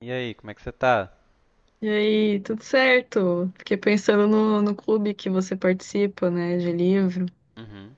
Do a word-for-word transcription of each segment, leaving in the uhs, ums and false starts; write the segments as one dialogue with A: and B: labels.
A: E aí, como é que você tá?
B: E aí, tudo certo? Fiquei pensando no, no clube que você participa, né, de livro.
A: Uhum.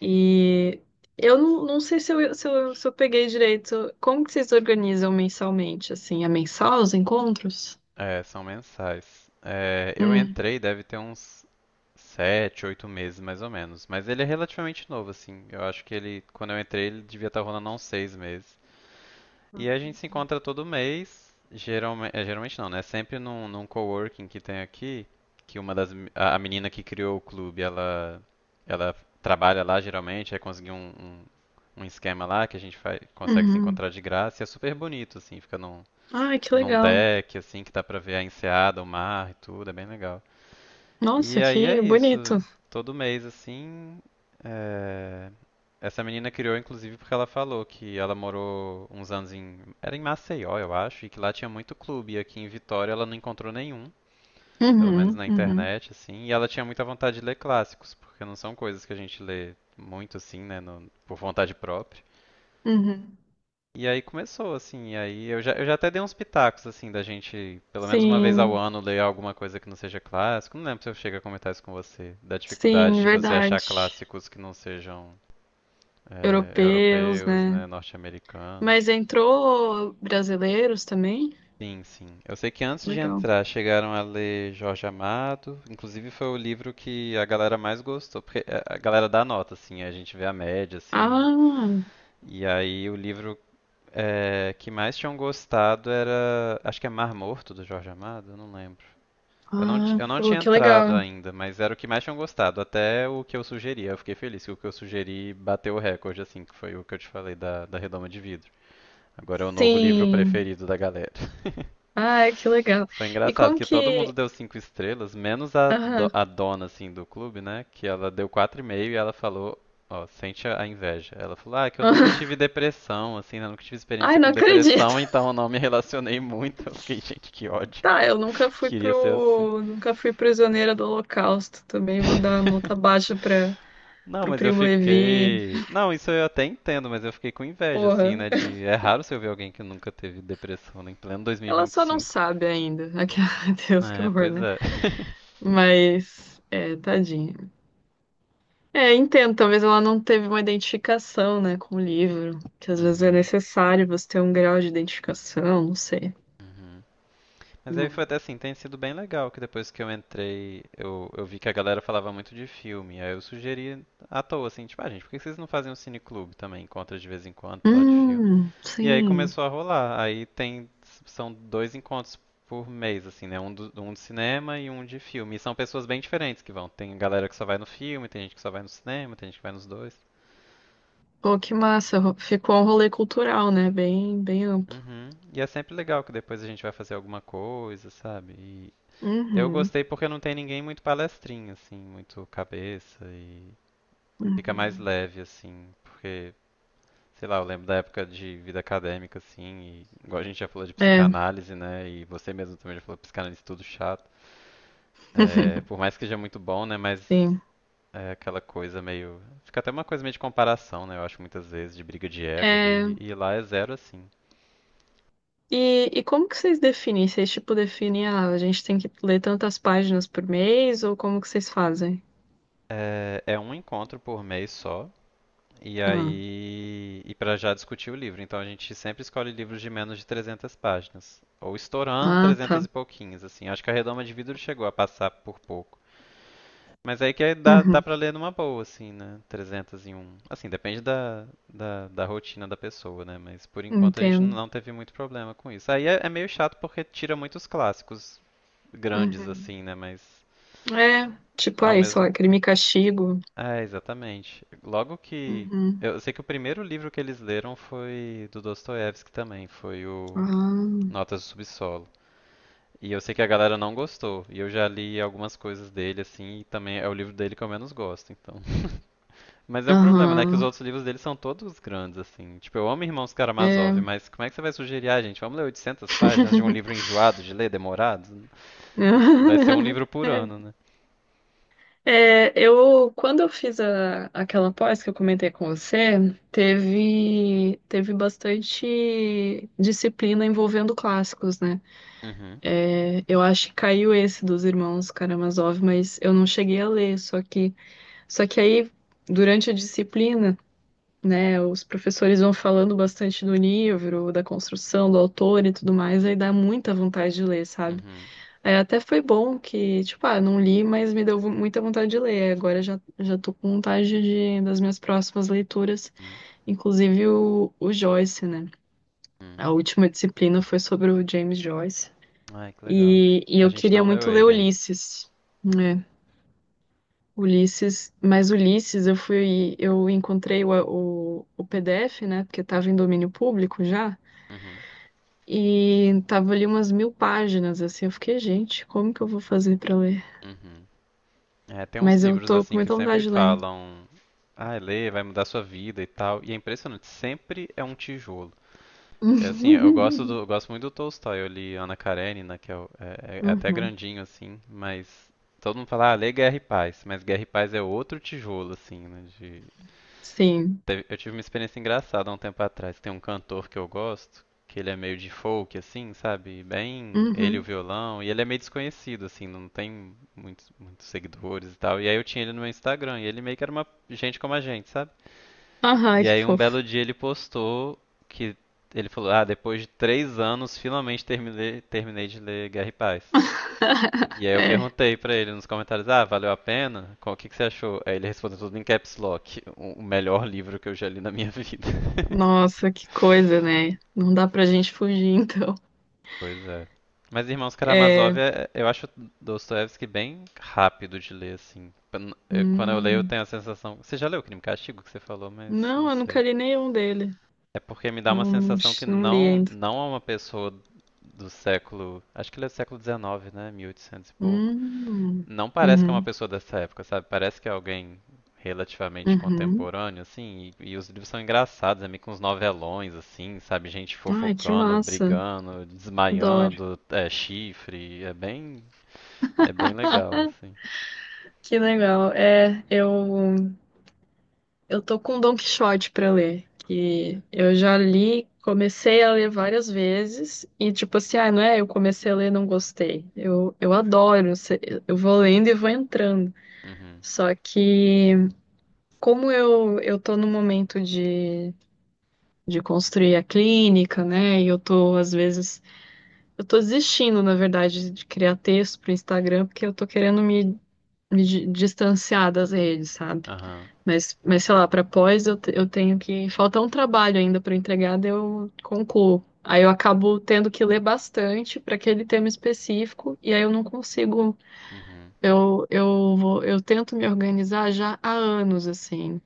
B: E eu não, não sei se eu, se eu, se eu peguei direito. Como que vocês organizam mensalmente, assim? É mensal os encontros?
A: É, são mensais. É, eu
B: Hum,
A: entrei, deve ter uns sete, oito meses mais ou menos. Mas ele é relativamente novo, assim. Eu acho que ele, quando eu entrei, ele devia estar rolando há uns seis meses. E a gente se encontra todo mês. Geralme, é, geralmente não, né? Sempre num, num coworking que tem aqui, que uma das me- a, a menina que criou o clube, ela ela trabalha lá geralmente, aí conseguiu um, um, um esquema lá que a gente faz, consegue se
B: uhum.
A: encontrar de graça. E é super bonito, assim. Fica num
B: Ai, que
A: num
B: legal.
A: deck, assim, que dá pra ver a enseada, o mar e tudo, é bem legal. E
B: Nossa,
A: aí é
B: que
A: isso,
B: bonito.
A: todo mês, assim. é, Essa menina criou, inclusive, porque ela falou que ela morou uns anos em. Era em Maceió, eu acho, e que lá tinha muito clube, e aqui em Vitória ela não encontrou nenhum, pelo menos
B: Uhum,
A: na
B: uhum,
A: internet, assim. E ela tinha muita vontade de ler clássicos, porque não são coisas que a gente lê muito, assim, né, no- por vontade própria.
B: uhum.
A: E aí começou, assim, e aí eu já, eu já até dei uns pitacos, assim, da gente, pelo menos uma vez ao
B: Sim,
A: ano, ler alguma coisa que não seja clássico. Não lembro se eu chego a comentar isso com você, da dificuldade
B: sim,
A: de você achar
B: verdade.
A: clássicos que não sejam eh,
B: Europeus,
A: europeus,
B: né?
A: né, norte-americanos.
B: Mas entrou brasileiros também?
A: Sim, sim. Eu sei que antes de
B: Legal.
A: entrar chegaram a ler Jorge Amado, inclusive foi o livro que a galera mais gostou, porque eh, a galera dá nota, assim, a gente vê a média, assim,
B: Ah,
A: e aí o livro é, que mais tinham gostado era. Acho que é Mar Morto do Jorge Amado, eu não lembro. Eu não, ti-
B: ah,
A: eu não
B: pô,
A: tinha
B: que
A: entrado
B: legal.
A: ainda, mas era o que mais tinham gostado, até o que eu sugeri. Eu fiquei feliz que o que eu sugeri bateu o recorde, assim, que foi o que eu te falei da, da redoma de vidro. Agora é o novo livro
B: Sim.
A: preferido da galera.
B: Ai, que legal.
A: Foi
B: E
A: engraçado
B: como
A: que todo mundo
B: que.
A: deu cinco estrelas, menos a, do-
B: Aham,
A: a dona, assim, do clube, né? Que ela deu quatro e meio e ela falou, ó, sente a a inveja. Ela falou, ah, que eu nunca
B: aham.
A: tive depressão, assim, né? Eu nunca tive experiência
B: Ai, não
A: com
B: acredito.
A: depressão, então eu não me relacionei muito. Eu fiquei, gente, que ódio.
B: Tá, eu nunca fui
A: Queria ser assim.
B: pro. Nunca fui prisioneira do Holocausto. Também vou dar nota baixa pra
A: Não,
B: pro
A: mas eu
B: Primo Levi.
A: fiquei. Não, isso eu até entendo, mas eu fiquei com inveja,
B: Porra.
A: assim, né? De. É raro você ver alguém que nunca teve depressão, né? Em pleno
B: Ela só não
A: dois mil e vinte e cinco.
B: sabe ainda. Aquela- Meu Deus, que
A: É,
B: horror,
A: pois
B: né?
A: é.
B: Mas. É, tadinha. É, entendo. Talvez ela não teve uma identificação, né, com o livro. Que às vezes é
A: Uhum,
B: necessário você ter um grau de identificação, não sei.
A: uhum. Mas aí foi
B: Né?
A: até assim, tem sido bem legal que depois que eu entrei, eu, eu vi que a galera falava muito de filme. Aí eu sugeri à toa, assim, tipo, ah, gente, por que vocês não fazem um cineclube também? Encontros de vez em quando, pra falar de filme.
B: Hum,
A: E aí
B: sim.
A: começou a rolar. Aí tem, são dois encontros por mês, assim, né? Um, do, um de cinema e um de filme. E são pessoas bem diferentes que vão. Tem galera que só vai no filme, tem gente que só vai no cinema, tem gente que vai nos dois.
B: Pô, que massa. ro- Ficou um rolê cultural, né? Bem, bem amplo.
A: Uhum. E é sempre legal que depois a gente vai fazer alguma coisa, sabe? Eu
B: Uhum,
A: gostei porque não tem ninguém muito palestrinho, assim, muito cabeça e fica mais
B: uhum.
A: leve, assim, porque, sei lá, eu lembro da época de vida acadêmica, assim, e igual a gente já falou de
B: É,
A: psicanálise, né, e você mesmo também já falou que psicanálise é tudo chato. É, por mais que seja muito bom, né, mas
B: sim.
A: é aquela coisa meio... Fica até uma coisa meio de comparação, né, eu acho muitas vezes, de briga de ego
B: É,
A: ali, e lá é zero, assim.
B: e, e como que vocês definem? Vocês, tipo, definem, ah, a gente tem que ler tantas páginas por mês, ou como que vocês fazem?
A: É, é um encontro por mês só, e
B: Ah,
A: aí, e para já discutir o livro. Então a gente sempre escolhe livros de menos de trezentas páginas, ou estourando
B: ah,
A: trezentas
B: tá.
A: e pouquinhos, assim. Acho que a Redoma de Vidro chegou a passar por pouco. Mas aí que aí dá, dá
B: Uhum,
A: para ler numa boa, assim, né? Trezentos e um. Assim, depende da, da, da rotina da pessoa, né? Mas por enquanto a gente
B: entendo.
A: não teve muito problema com isso. Aí é, é meio chato porque tira muitos clássicos grandes,
B: Uhum.
A: assim, né? Mas
B: É, tipo,
A: ao
B: aí, sei
A: mesmo
B: lá, Crime e
A: tempo.
B: Castigo.
A: É, exatamente. Logo que.
B: Uhum.
A: Eu sei que o primeiro livro que eles leram foi do Dostoiévski também, foi o
B: Ah,
A: Notas do Subsolo. E eu sei que a galera não gostou, e eu já li algumas coisas dele, assim, e também é o livro dele que eu menos gosto, então. Mas é o problema, né? Que os
B: aham.
A: outros livros dele são todos grandes, assim. Tipo, eu amo Irmãos Karamazov,
B: É.
A: mas como é que você vai sugerir, ah, gente, vamos ler oitocentas páginas de um livro enjoado de ler, demorado? Vai ser um livro por ano, né?
B: É, eu, quando eu fiz a- aquela pós que eu comentei com você, teve, teve bastante disciplina envolvendo clássicos, né?
A: Uhum,
B: É, eu acho que caiu esse dos Irmãos Karamazov, mas eu não cheguei a ler, só que, só que aí, durante a disciplina, né, os professores vão falando bastante do livro, da construção, do autor e tudo mais, aí dá muita vontade de ler, sabe?
A: uhum,
B: É, até foi bom que, tipo, ah, não li, mas me deu muita vontade de ler. Agora já, já tô com vontade de, das minhas próximas leituras,
A: uhum,
B: inclusive o, o Joyce, né?
A: uhum.
B: A última disciplina foi sobre o James Joyce.
A: Ai, que legal.
B: E, e
A: A
B: eu
A: gente
B: queria
A: não
B: muito
A: leu
B: ler
A: ele ainda.
B: Ulisses, né? Ulisses, mas Ulisses eu fui, eu encontrei o, o, o P D F, né? Porque tava em domínio público já.
A: Uhum,
B: E tava ali umas mil páginas, assim. Eu fiquei, gente, como que eu vou fazer pra ler?
A: uhum. É, tem uns
B: Mas eu
A: livros
B: tô com
A: assim que
B: muita
A: sempre
B: vontade de ler.
A: falam, ah, lê, vai mudar sua vida e tal. E é impressionante, sempre é um tijolo. É assim, eu gosto
B: Uhum.
A: do, eu gosto muito do Tolstói, eu li Ana Karenina, que é, o- é- é é até
B: Uhum.
A: grandinho assim, mas todo mundo fala, ah, lê Guerra e Paz, mas Guerra e Paz é outro tijolo assim, né, de.
B: Sim.
A: Teve- Eu tive uma experiência engraçada há um tempo atrás. Tem um cantor que eu gosto, que ele é meio de folk, assim, sabe? Bem, ele e o
B: Uhum.
A: violão, e ele é meio desconhecido, assim, não tem muitos, muitos seguidores e tal. E aí eu tinha ele no meu Instagram, e ele meio que era uma gente como a gente, sabe?
B: Ai,
A: E
B: que
A: aí um
B: fofo.
A: belo dia ele postou que ele falou, ah, depois de três anos, finalmente terminei, terminei de ler Guerra e Paz. E aí eu
B: É.
A: perguntei pra ele nos comentários, ah, valeu a pena? Qual- O que que você achou? Aí ele respondeu tudo em caps lock, o o melhor livro que eu já li na minha vida.
B: Nossa, que coisa, né? Não dá pra gente fugir, então.
A: Pois é. Mas Irmãos
B: É.
A: Karamazov, é, eu acho Dostoiévski bem rápido de ler, assim. Pra n- eu- Quando eu leio, eu
B: Hum.
A: tenho a sensação... Você já leu Crime e Castigo que você falou, mas não
B: Não, eu nunca
A: sei.
B: li nenhum dele.
A: É porque me dá uma
B: Não, não,
A: sensação que
B: não li
A: não,
B: ainda.
A: não é uma pessoa do século... Acho que ele é do século dezenove, né? mil e oitocentos e oitocentos e pouco.
B: Hum.
A: Não parece que é uma
B: Uhum.
A: pessoa dessa época, sabe? Parece que é alguém relativamente
B: Uhum.
A: contemporâneo, assim. E, e os livros são engraçados, é meio que uns novelões, assim, sabe? Gente
B: Ai, que
A: fofocando,
B: massa.
A: brigando,
B: Adoro.
A: desmaiando, é, chifre. É bem, é bem legal, assim.
B: Que legal. É, eu. Eu tô com Don Quixote pra ler, que eu já li, comecei a ler várias vezes e tipo assim, ah, não é, eu comecei a ler, e não gostei. Eu, eu adoro, se- eu vou lendo e vou entrando.
A: Uhum,
B: Só que como eu eu tô no momento de de construir a clínica, né? E eu tô às vezes eu tô desistindo, na verdade, de criar texto pro Instagram porque eu tô querendo me me di- distanciar das redes, sabe?
A: aham,
B: Mas, mas sei lá, para pós eu, te- eu tenho que. Falta um trabalho ainda para entregar, daí eu concluo. Aí eu acabo tendo que ler bastante para aquele tema específico, e aí eu não consigo.
A: uhum,
B: Eu, eu vou, eu tento me organizar já há anos, assim.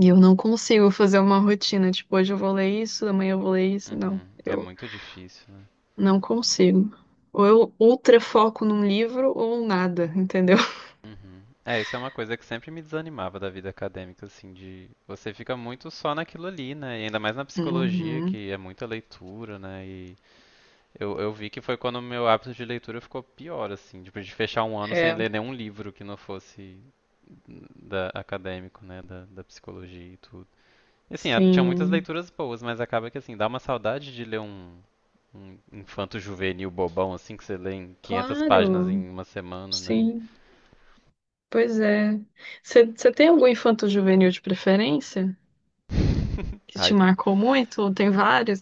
B: E eu não consigo fazer uma rotina, tipo, hoje eu vou ler isso, amanhã eu vou ler isso. Não,
A: uhum. É
B: eu
A: muito difícil, né?
B: não consigo. Ou eu ultra foco num livro ou nada, entendeu?
A: Uhum. É, isso é uma coisa que sempre me desanimava da vida acadêmica, assim, de você fica muito só naquilo ali, né? E ainda mais na psicologia,
B: Uhum.
A: que é muita leitura, né? E Eu, eu vi que foi quando o meu hábito de leitura ficou pior, assim, tipo, de fechar um ano sem
B: É,
A: ler nenhum livro que não fosse da, acadêmico, né, da, da psicologia e tudo. E, assim, era- tinha muitas
B: sim.
A: leituras boas, mas acaba que, assim, dá uma saudade de ler um, um infanto-juvenil bobão, assim, que você lê em quinhentas páginas
B: Claro,
A: em uma semana, né?
B: sim. Pois é. Você você tem algum infanto-juvenil de preferência que te
A: Aí,
B: marcou muito? Ou tem vários?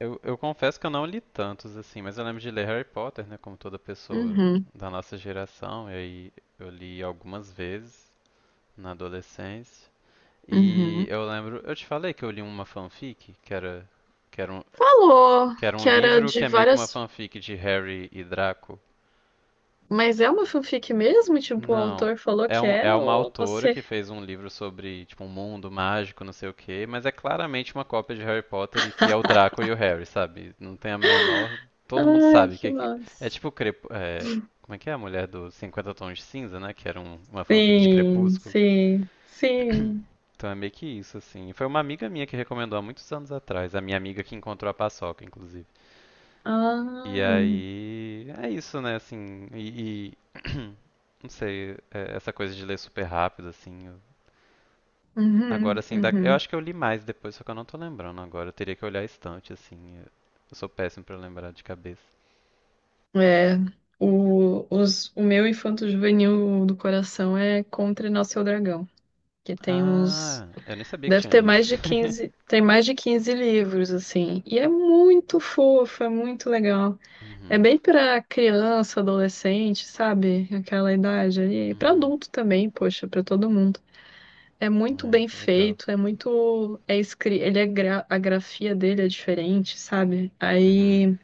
A: eu, eu confesso que eu não li tantos, assim, mas eu lembro de ler Harry Potter, né, como toda pessoa
B: Uhum,
A: da nossa geração, e aí eu li algumas vezes na adolescência. E
B: uhum.
A: eu lembro, eu te falei que eu li uma fanfic, que era, que era um,
B: Falou
A: que era um
B: que era
A: livro
B: de
A: que é meio que uma
B: várias.
A: fanfic de Harry e Draco.
B: Mas é uma fanfic mesmo? Tipo, o
A: Não,
B: autor falou
A: é
B: que
A: um,
B: é?
A: é uma
B: Ou
A: autora
B: você.
A: que fez um livro sobre, tipo, um mundo mágico, não sei o quê, mas é claramente uma cópia de Harry Potter e que é o Draco e o Harry, sabe? Não tem a menor, todo mundo
B: Ai,
A: sabe
B: que
A: que que- é
B: massa.
A: tipo Crep... é, como é que é a mulher do Cinquenta Tons de Cinza, né? Que era um- uma fanfic de
B: Sim,
A: Crepúsculo.
B: sim, sim.
A: Então é meio que isso, assim. Foi uma amiga minha que recomendou há muitos anos atrás, a minha amiga que encontrou a paçoca, inclusive. E
B: Ah,
A: aí é isso, né, assim. E, e não sei, é, essa coisa de ler super rápido, assim. eu- Agora,
B: uhum,
A: assim, da- eu
B: uhum.
A: acho que eu li mais depois, só que eu não tô lembrando agora. Eu teria que olhar a estante, assim. Eu, eu sou péssimo pra lembrar de cabeça.
B: É. O, os, o meu infanto-juvenil do coração é Contra Nosso Dragão, que tem uns.
A: Ah, eu nem sabia que
B: Deve
A: tinha
B: ter
A: livro.
B: mais de quinze Tem mais de quinze livros, assim. E é muito fofo, é muito legal. É
A: Uhum,
B: bem pra criança, adolescente, sabe? Aquela idade ali. E pra
A: uhum.
B: adulto também, poxa, pra todo mundo. É muito
A: Ai,
B: bem
A: que legal.
B: feito, é muito. É escri... Ele é gra... A grafia dele é diferente, sabe?
A: Uhum.
B: Aí.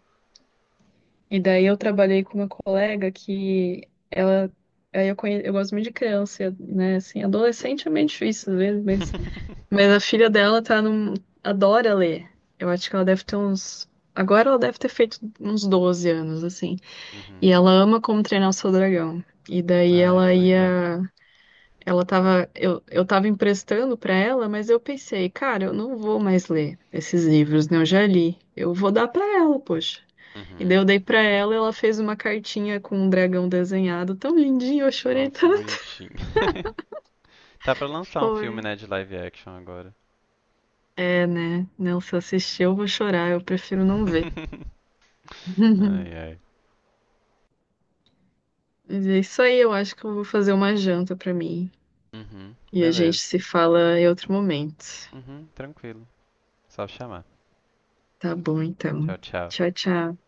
B: E daí eu trabalhei com uma colega que ela. Aí eu, conhe... eu gosto muito de criança, né? Assim, adolescente é meio difícil, às vezes, meio mas a filha dela tá num... adora ler. Eu acho que ela deve ter uns. Agora ela deve ter feito uns doze anos, assim. E
A: Uhum.
B: ela ama Como Treinar o Seu Dragão. E daí
A: Ai,
B: ela
A: que legal.
B: ia. Ela tava. Eu, eu tava emprestando pra ela, mas eu pensei, cara, eu não vou mais ler esses livros, né? Eu já li. Eu vou dar pra ela, poxa. E
A: Uhum.
B: daí eu dei pra ela, ela fez uma cartinha com um dragão desenhado tão lindinho, eu chorei
A: Nossa, que
B: tanto.
A: bonitinho. Tá pra lançar um
B: Foi.
A: filme, né, de live action agora.
B: É, né? Não, se eu assistir, eu vou chorar, eu prefiro não ver.
A: Ai, ai.
B: Mas é isso aí, eu acho que eu vou fazer uma janta pra mim.
A: Uhum,
B: E a gente
A: beleza.
B: se fala em outro momento.
A: Uhum, tranquilo. Só chamar.
B: Tá bom, então.
A: Tchau, tchau.
B: Tchau, tchau.